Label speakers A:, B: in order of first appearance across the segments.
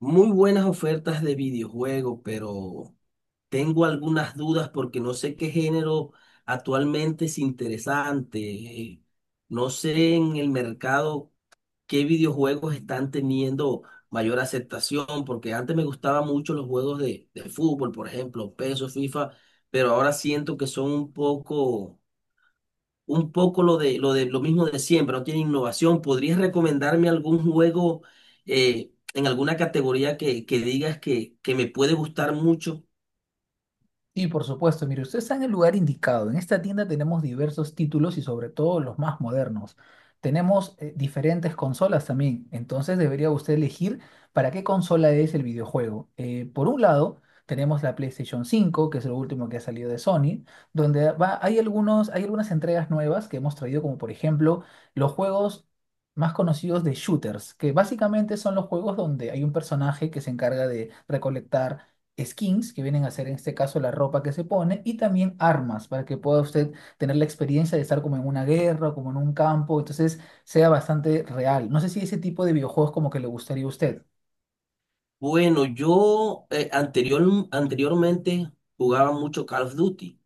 A: Muy buenas ofertas de videojuegos, pero tengo algunas dudas porque no sé qué género actualmente es interesante. No sé en el mercado qué videojuegos están teniendo mayor aceptación, porque antes me gustaban mucho los juegos de fútbol, por ejemplo, PESO, FIFA, pero ahora siento que son un poco lo mismo de siempre, no tiene innovación. ¿Podrías recomendarme algún juego en alguna categoría que digas que me puede gustar mucho?
B: Sí, por supuesto. Mire, usted está en el lugar indicado. En esta tienda tenemos diversos títulos y sobre todo los más modernos. Tenemos diferentes consolas también. Entonces debería usted elegir para qué consola es el videojuego. Por un lado, tenemos la PlayStation 5, que es lo último que ha salido de Sony, donde va, hay algunas entregas nuevas que hemos traído, como por ejemplo los juegos más conocidos de shooters, que básicamente son los juegos donde hay un personaje que se encarga de recolectar skins, que vienen a ser en este caso la ropa que se pone, y también armas, para que pueda usted tener la experiencia de estar como en una guerra o como en un campo, entonces sea bastante real. No sé si ese tipo de videojuegos como que le gustaría a usted.
A: Bueno, yo anteriormente jugaba mucho Call of Duty,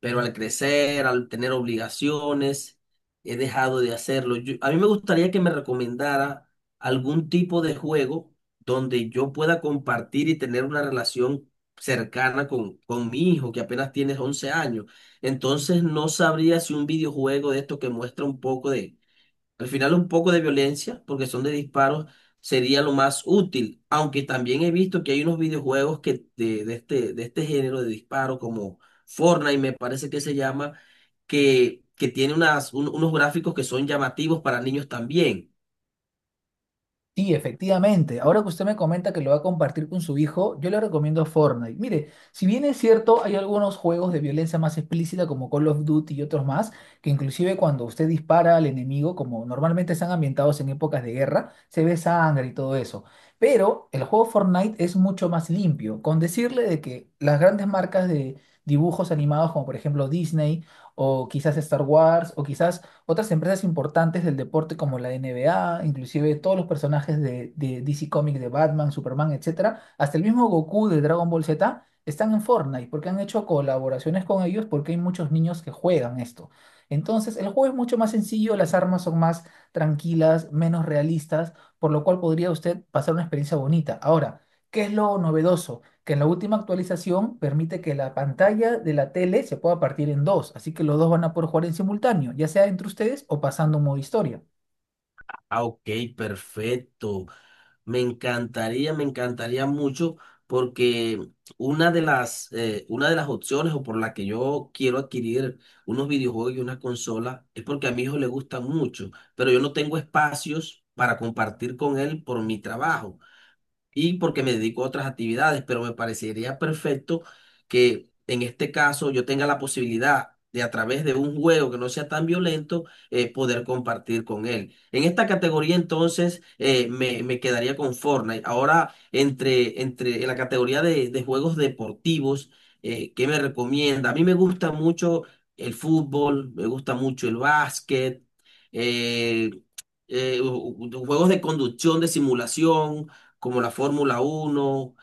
A: pero al crecer, al tener obligaciones, he dejado de hacerlo. A mí me gustaría que me recomendara algún tipo de juego donde yo pueda compartir y tener una relación cercana con mi hijo, que apenas tiene 11 años. Entonces no sabría si un videojuego de esto que muestra un poco de al final un poco de violencia, porque son de disparos, sería lo más útil. Aunque también he visto que hay unos videojuegos que de este género de disparo, como Fortnite, me parece que se llama, que tiene unos gráficos que son llamativos para niños también.
B: Sí, efectivamente. Ahora que usted me comenta que lo va a compartir con su hijo, yo le recomiendo Fortnite. Mire, si bien es cierto, hay algunos juegos de violencia más explícita como Call of Duty y otros más, que inclusive cuando usted dispara al enemigo, como normalmente están ambientados en épocas de guerra, se ve sangre y todo eso. Pero el juego Fortnite es mucho más limpio, con decirle de que las grandes marcas de dibujos animados como por ejemplo Disney o quizás Star Wars o quizás otras empresas importantes del deporte como la NBA, inclusive todos los personajes de DC Comics, de Batman, Superman, etcétera, hasta el mismo Goku de Dragon Ball Z están en Fortnite porque han hecho colaboraciones con ellos porque hay muchos niños que juegan esto. Entonces, el juego es mucho más sencillo, las armas son más tranquilas, menos realistas, por lo cual podría usted pasar una experiencia bonita. Ahora, ¿qué es lo novedoso? Que en la última actualización permite que la pantalla de la tele se pueda partir en dos, así que los dos van a poder jugar en simultáneo, ya sea entre ustedes o pasando un modo historia.
A: Ah, ok, perfecto. Me encantaría mucho porque una de las opciones o por la que yo quiero adquirir unos videojuegos y una consola es porque a mi hijo le gusta mucho, pero yo no tengo espacios para compartir con él por mi trabajo y porque me dedico a otras actividades, pero me parecería perfecto que en este caso yo tenga la posibilidad de, a través de un juego que no sea tan violento, poder compartir con él. En esta categoría entonces me quedaría con Fortnite. Ahora, entre en la categoría de juegos deportivos, ¿qué me recomienda? A mí me gusta mucho el fútbol, me gusta mucho el básquet, eh, juegos de conducción, de simulación, como la Fórmula 1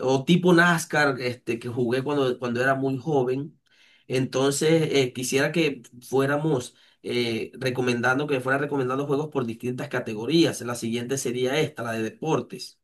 A: o tipo NASCAR, este, que jugué cuando era muy joven. Entonces, quisiera que me fuera recomendando juegos por distintas categorías. La siguiente sería esta, la de deportes.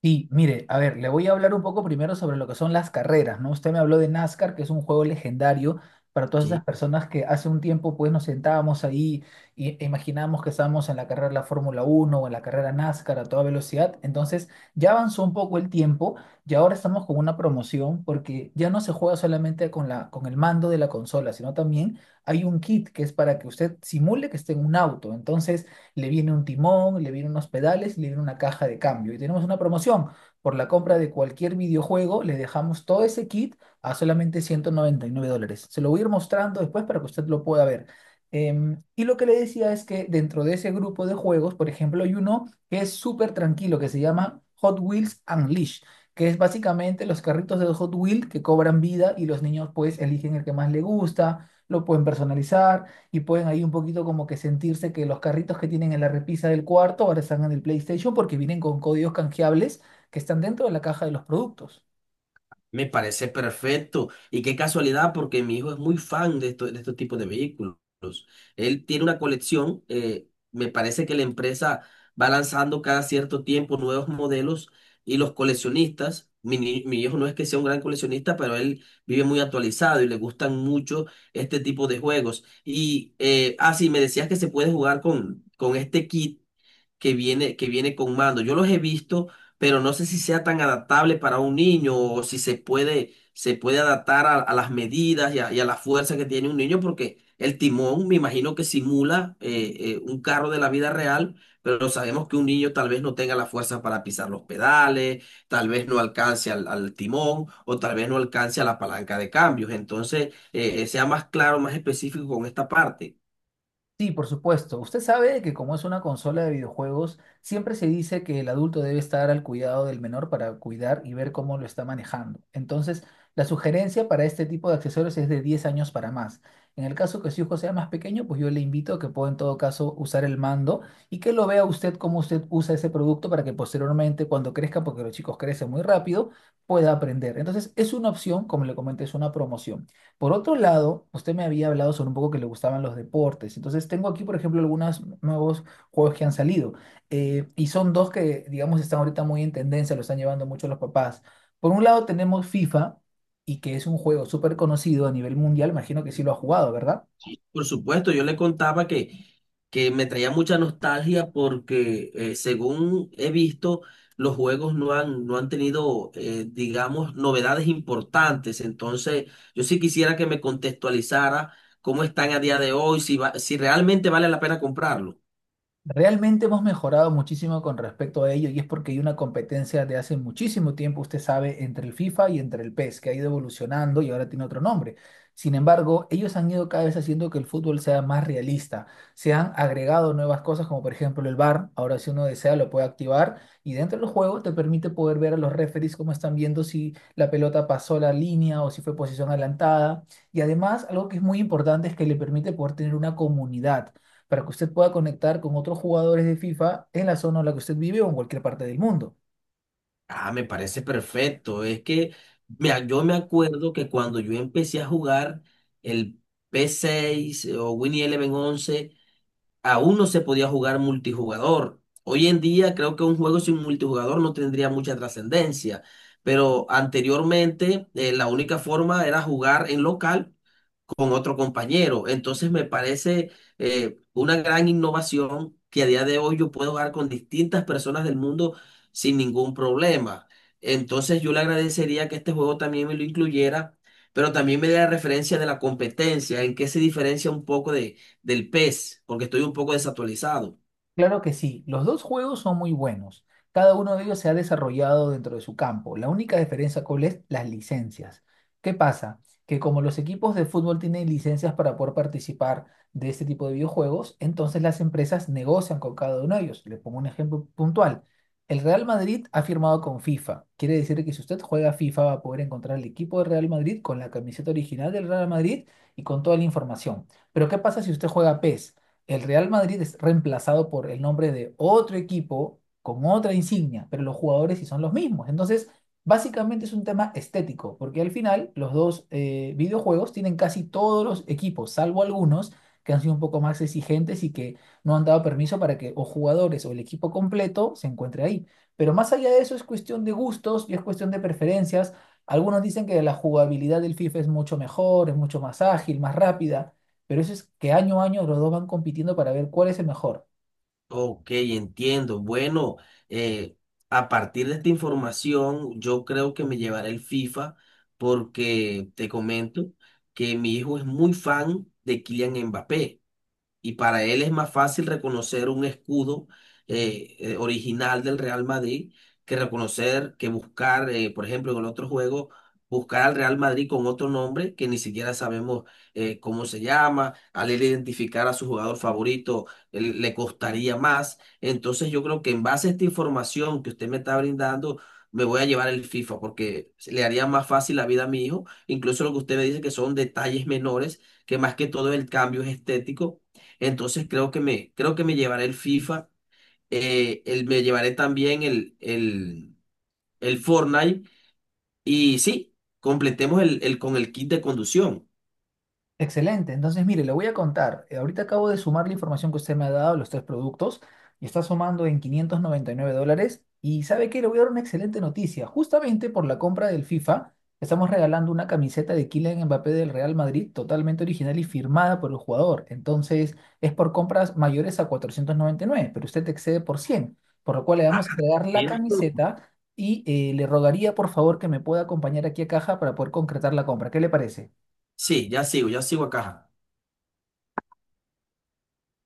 B: Sí, mire, a ver, le voy a hablar un poco primero sobre lo que son las carreras, ¿no? Usted me habló de NASCAR, que es un juego legendario para todas esas personas que hace un tiempo pues nos sentábamos ahí y- e imaginábamos que estábamos en la carrera de la Fórmula 1 o en la carrera NASCAR a toda velocidad. Entonces, ya avanzó un poco el tiempo y ahora estamos con una promoción porque ya no se juega solamente con la, con el mando de la consola, sino también hay un kit que es para que usted simule que esté en un auto. Entonces, le viene un timón, le viene unos pedales, le viene una caja de cambio. Y tenemos una promoción. Por la compra de cualquier videojuego, le dejamos todo ese kit a solamente $199. Se lo voy a ir mostrando después para que usted lo pueda ver. Y lo que le decía es que dentro de ese grupo de juegos, por ejemplo, hay uno que es súper tranquilo, que se llama Hot Wheels Unleashed, que es básicamente los carritos de Hot Wheels que cobran vida y los niños pues eligen el que más les gusta, lo pueden personalizar y pueden ahí un poquito como que sentirse que los carritos que tienen en la repisa del cuarto ahora están en el PlayStation porque vienen con códigos canjeables que están dentro de la caja de los productos.
A: Me parece perfecto. Y qué casualidad, porque mi hijo es muy fan de estos tipos de vehículos. Él tiene una colección. Me parece que la empresa va lanzando cada cierto tiempo nuevos modelos, y los coleccionistas, mi hijo no es que sea un gran coleccionista, pero él vive muy actualizado y le gustan mucho este tipo de juegos. Y sí, me decías que se puede jugar con este kit que viene con mando. Yo los he visto, pero no sé si sea tan adaptable para un niño, o si se puede adaptar a las medidas y a la fuerza que tiene un niño, porque el timón me imagino que simula un carro de la vida real, pero sabemos que un niño tal vez no tenga la fuerza para pisar los pedales, tal vez no alcance al timón, o tal vez no alcance a la palanca de cambios. Entonces, sea más claro, más específico con esta parte.
B: Sí, por supuesto. Usted sabe que como es una consola de videojuegos, siempre se dice que el adulto debe estar al cuidado del menor para cuidar y ver cómo lo está manejando. Entonces, la sugerencia para este tipo de accesorios es de 10 años para más. En el caso que su hijo sea más pequeño, pues yo le invito a que pueda en todo caso usar el mando y que lo vea usted cómo usted usa ese producto para que posteriormente, cuando crezca, porque los chicos crecen muy rápido, pueda aprender. Entonces, es una opción, como le comenté, es una promoción. Por otro lado, usted me había hablado sobre un poco que le gustaban los deportes. Entonces, tengo aquí, por ejemplo, algunos nuevos juegos que han salido. Y son dos que, digamos, están ahorita muy en tendencia, lo están llevando mucho los papás. Por un lado, tenemos FIFA, y que es un juego súper conocido a nivel mundial. Imagino que sí lo ha jugado, ¿verdad?
A: Por supuesto, yo le contaba que me traía mucha nostalgia porque, según he visto, los juegos no han tenido, digamos, novedades importantes. Entonces, yo sí quisiera que me contextualizara cómo están a día de hoy, si realmente vale la pena comprarlo.
B: Realmente hemos mejorado muchísimo con respecto a ello y es porque hay una competencia de hace muchísimo tiempo, usted sabe, entre el FIFA y entre el PES, que ha ido evolucionando y ahora tiene otro nombre. Sin embargo, ellos han ido cada vez haciendo que el fútbol sea más realista. Se han agregado nuevas cosas como por ejemplo el VAR. Ahora si uno desea lo puede activar y dentro del juego te permite poder ver a los referees cómo están viendo si la pelota pasó la línea o si fue posición adelantada. Y además, algo que es muy importante es que le permite poder tener una comunidad para que usted pueda conectar con otros jugadores de FIFA en la zona en la que usted vive o en cualquier parte del mundo.
A: Ah, me parece perfecto. Es que mira, yo me acuerdo que cuando yo empecé a jugar el P6 o Winnie Eleven 11 aún no se podía jugar multijugador. Hoy en día creo que un juego sin multijugador no tendría mucha trascendencia, pero anteriormente la única forma era jugar en local con otro compañero. Entonces me parece una gran innovación que a día de hoy yo puedo jugar con distintas personas del mundo sin ningún problema. Entonces yo le agradecería que este juego también me lo incluyera, pero también me dé la referencia de la competencia, en qué se diferencia un poco del PES, porque estoy un poco desactualizado.
B: Claro que sí, los dos juegos son muy buenos. Cada uno de ellos se ha desarrollado dentro de su campo. La única diferencia, ¿cuál es? Las licencias. ¿Qué pasa? Que como los equipos de fútbol tienen licencias para poder participar de este tipo de videojuegos, entonces las empresas negocian con cada uno de ellos. Le pongo un ejemplo puntual. El Real Madrid ha firmado con FIFA. Quiere decir que si usted juega FIFA va a poder encontrar el equipo del Real Madrid con la camiseta original del Real Madrid y con toda la información. Pero ¿qué pasa si usted juega PES? El Real Madrid es reemplazado por el nombre de otro equipo con otra insignia, pero los jugadores sí son los mismos. Entonces, básicamente es un tema estético, porque al final los dos videojuegos tienen casi todos los equipos, salvo algunos que han sido un poco más exigentes y que no han dado permiso para que o jugadores o el equipo completo se encuentre ahí. Pero más allá de eso es cuestión de gustos y es cuestión de preferencias. Algunos dicen que la jugabilidad del FIFA es mucho mejor, es mucho más ágil, más rápida, pero eso es que año a año los dos van compitiendo para ver cuál es el mejor.
A: Ok, entiendo. Bueno, eh, a partir de esta información, yo creo que me llevaré el FIFA, porque te comento que mi hijo es muy fan de Kylian Mbappé y para él es más fácil reconocer un escudo original del Real Madrid, que reconocer, que buscar, por ejemplo, en el otro juego, buscar al Real Madrid con otro nombre que ni siquiera sabemos cómo se llama. Al él identificar a su jugador favorito, le costaría más. Entonces yo creo que, en base a esta información que usted me está brindando, me voy a llevar el FIFA, porque le haría más fácil la vida a mi hijo, incluso lo que usted me dice, que son detalles menores, que más que todo el cambio es estético. Entonces creo que me llevaré el FIFA, me llevaré también el Fortnite, y sí, completemos el con el kit de conducción.
B: Excelente. Entonces, mire, le voy a contar. Ahorita acabo de sumar la información que usted me ha dado, los tres productos, y está sumando en $599. Y ¿sabe qué? Le voy a dar una excelente noticia. Justamente por la compra del FIFA, estamos regalando una camiseta de Kylian Mbappé del Real Madrid, totalmente original y firmada por el jugador. Entonces, es por compras mayores a 499, pero usted excede por 100, por lo cual le
A: Ah,
B: vamos a entregar la
A: bien.
B: camiseta y le rogaría, por favor, que me pueda acompañar aquí a caja para poder concretar la compra. ¿Qué le parece?
A: Sí, ya sigo acá.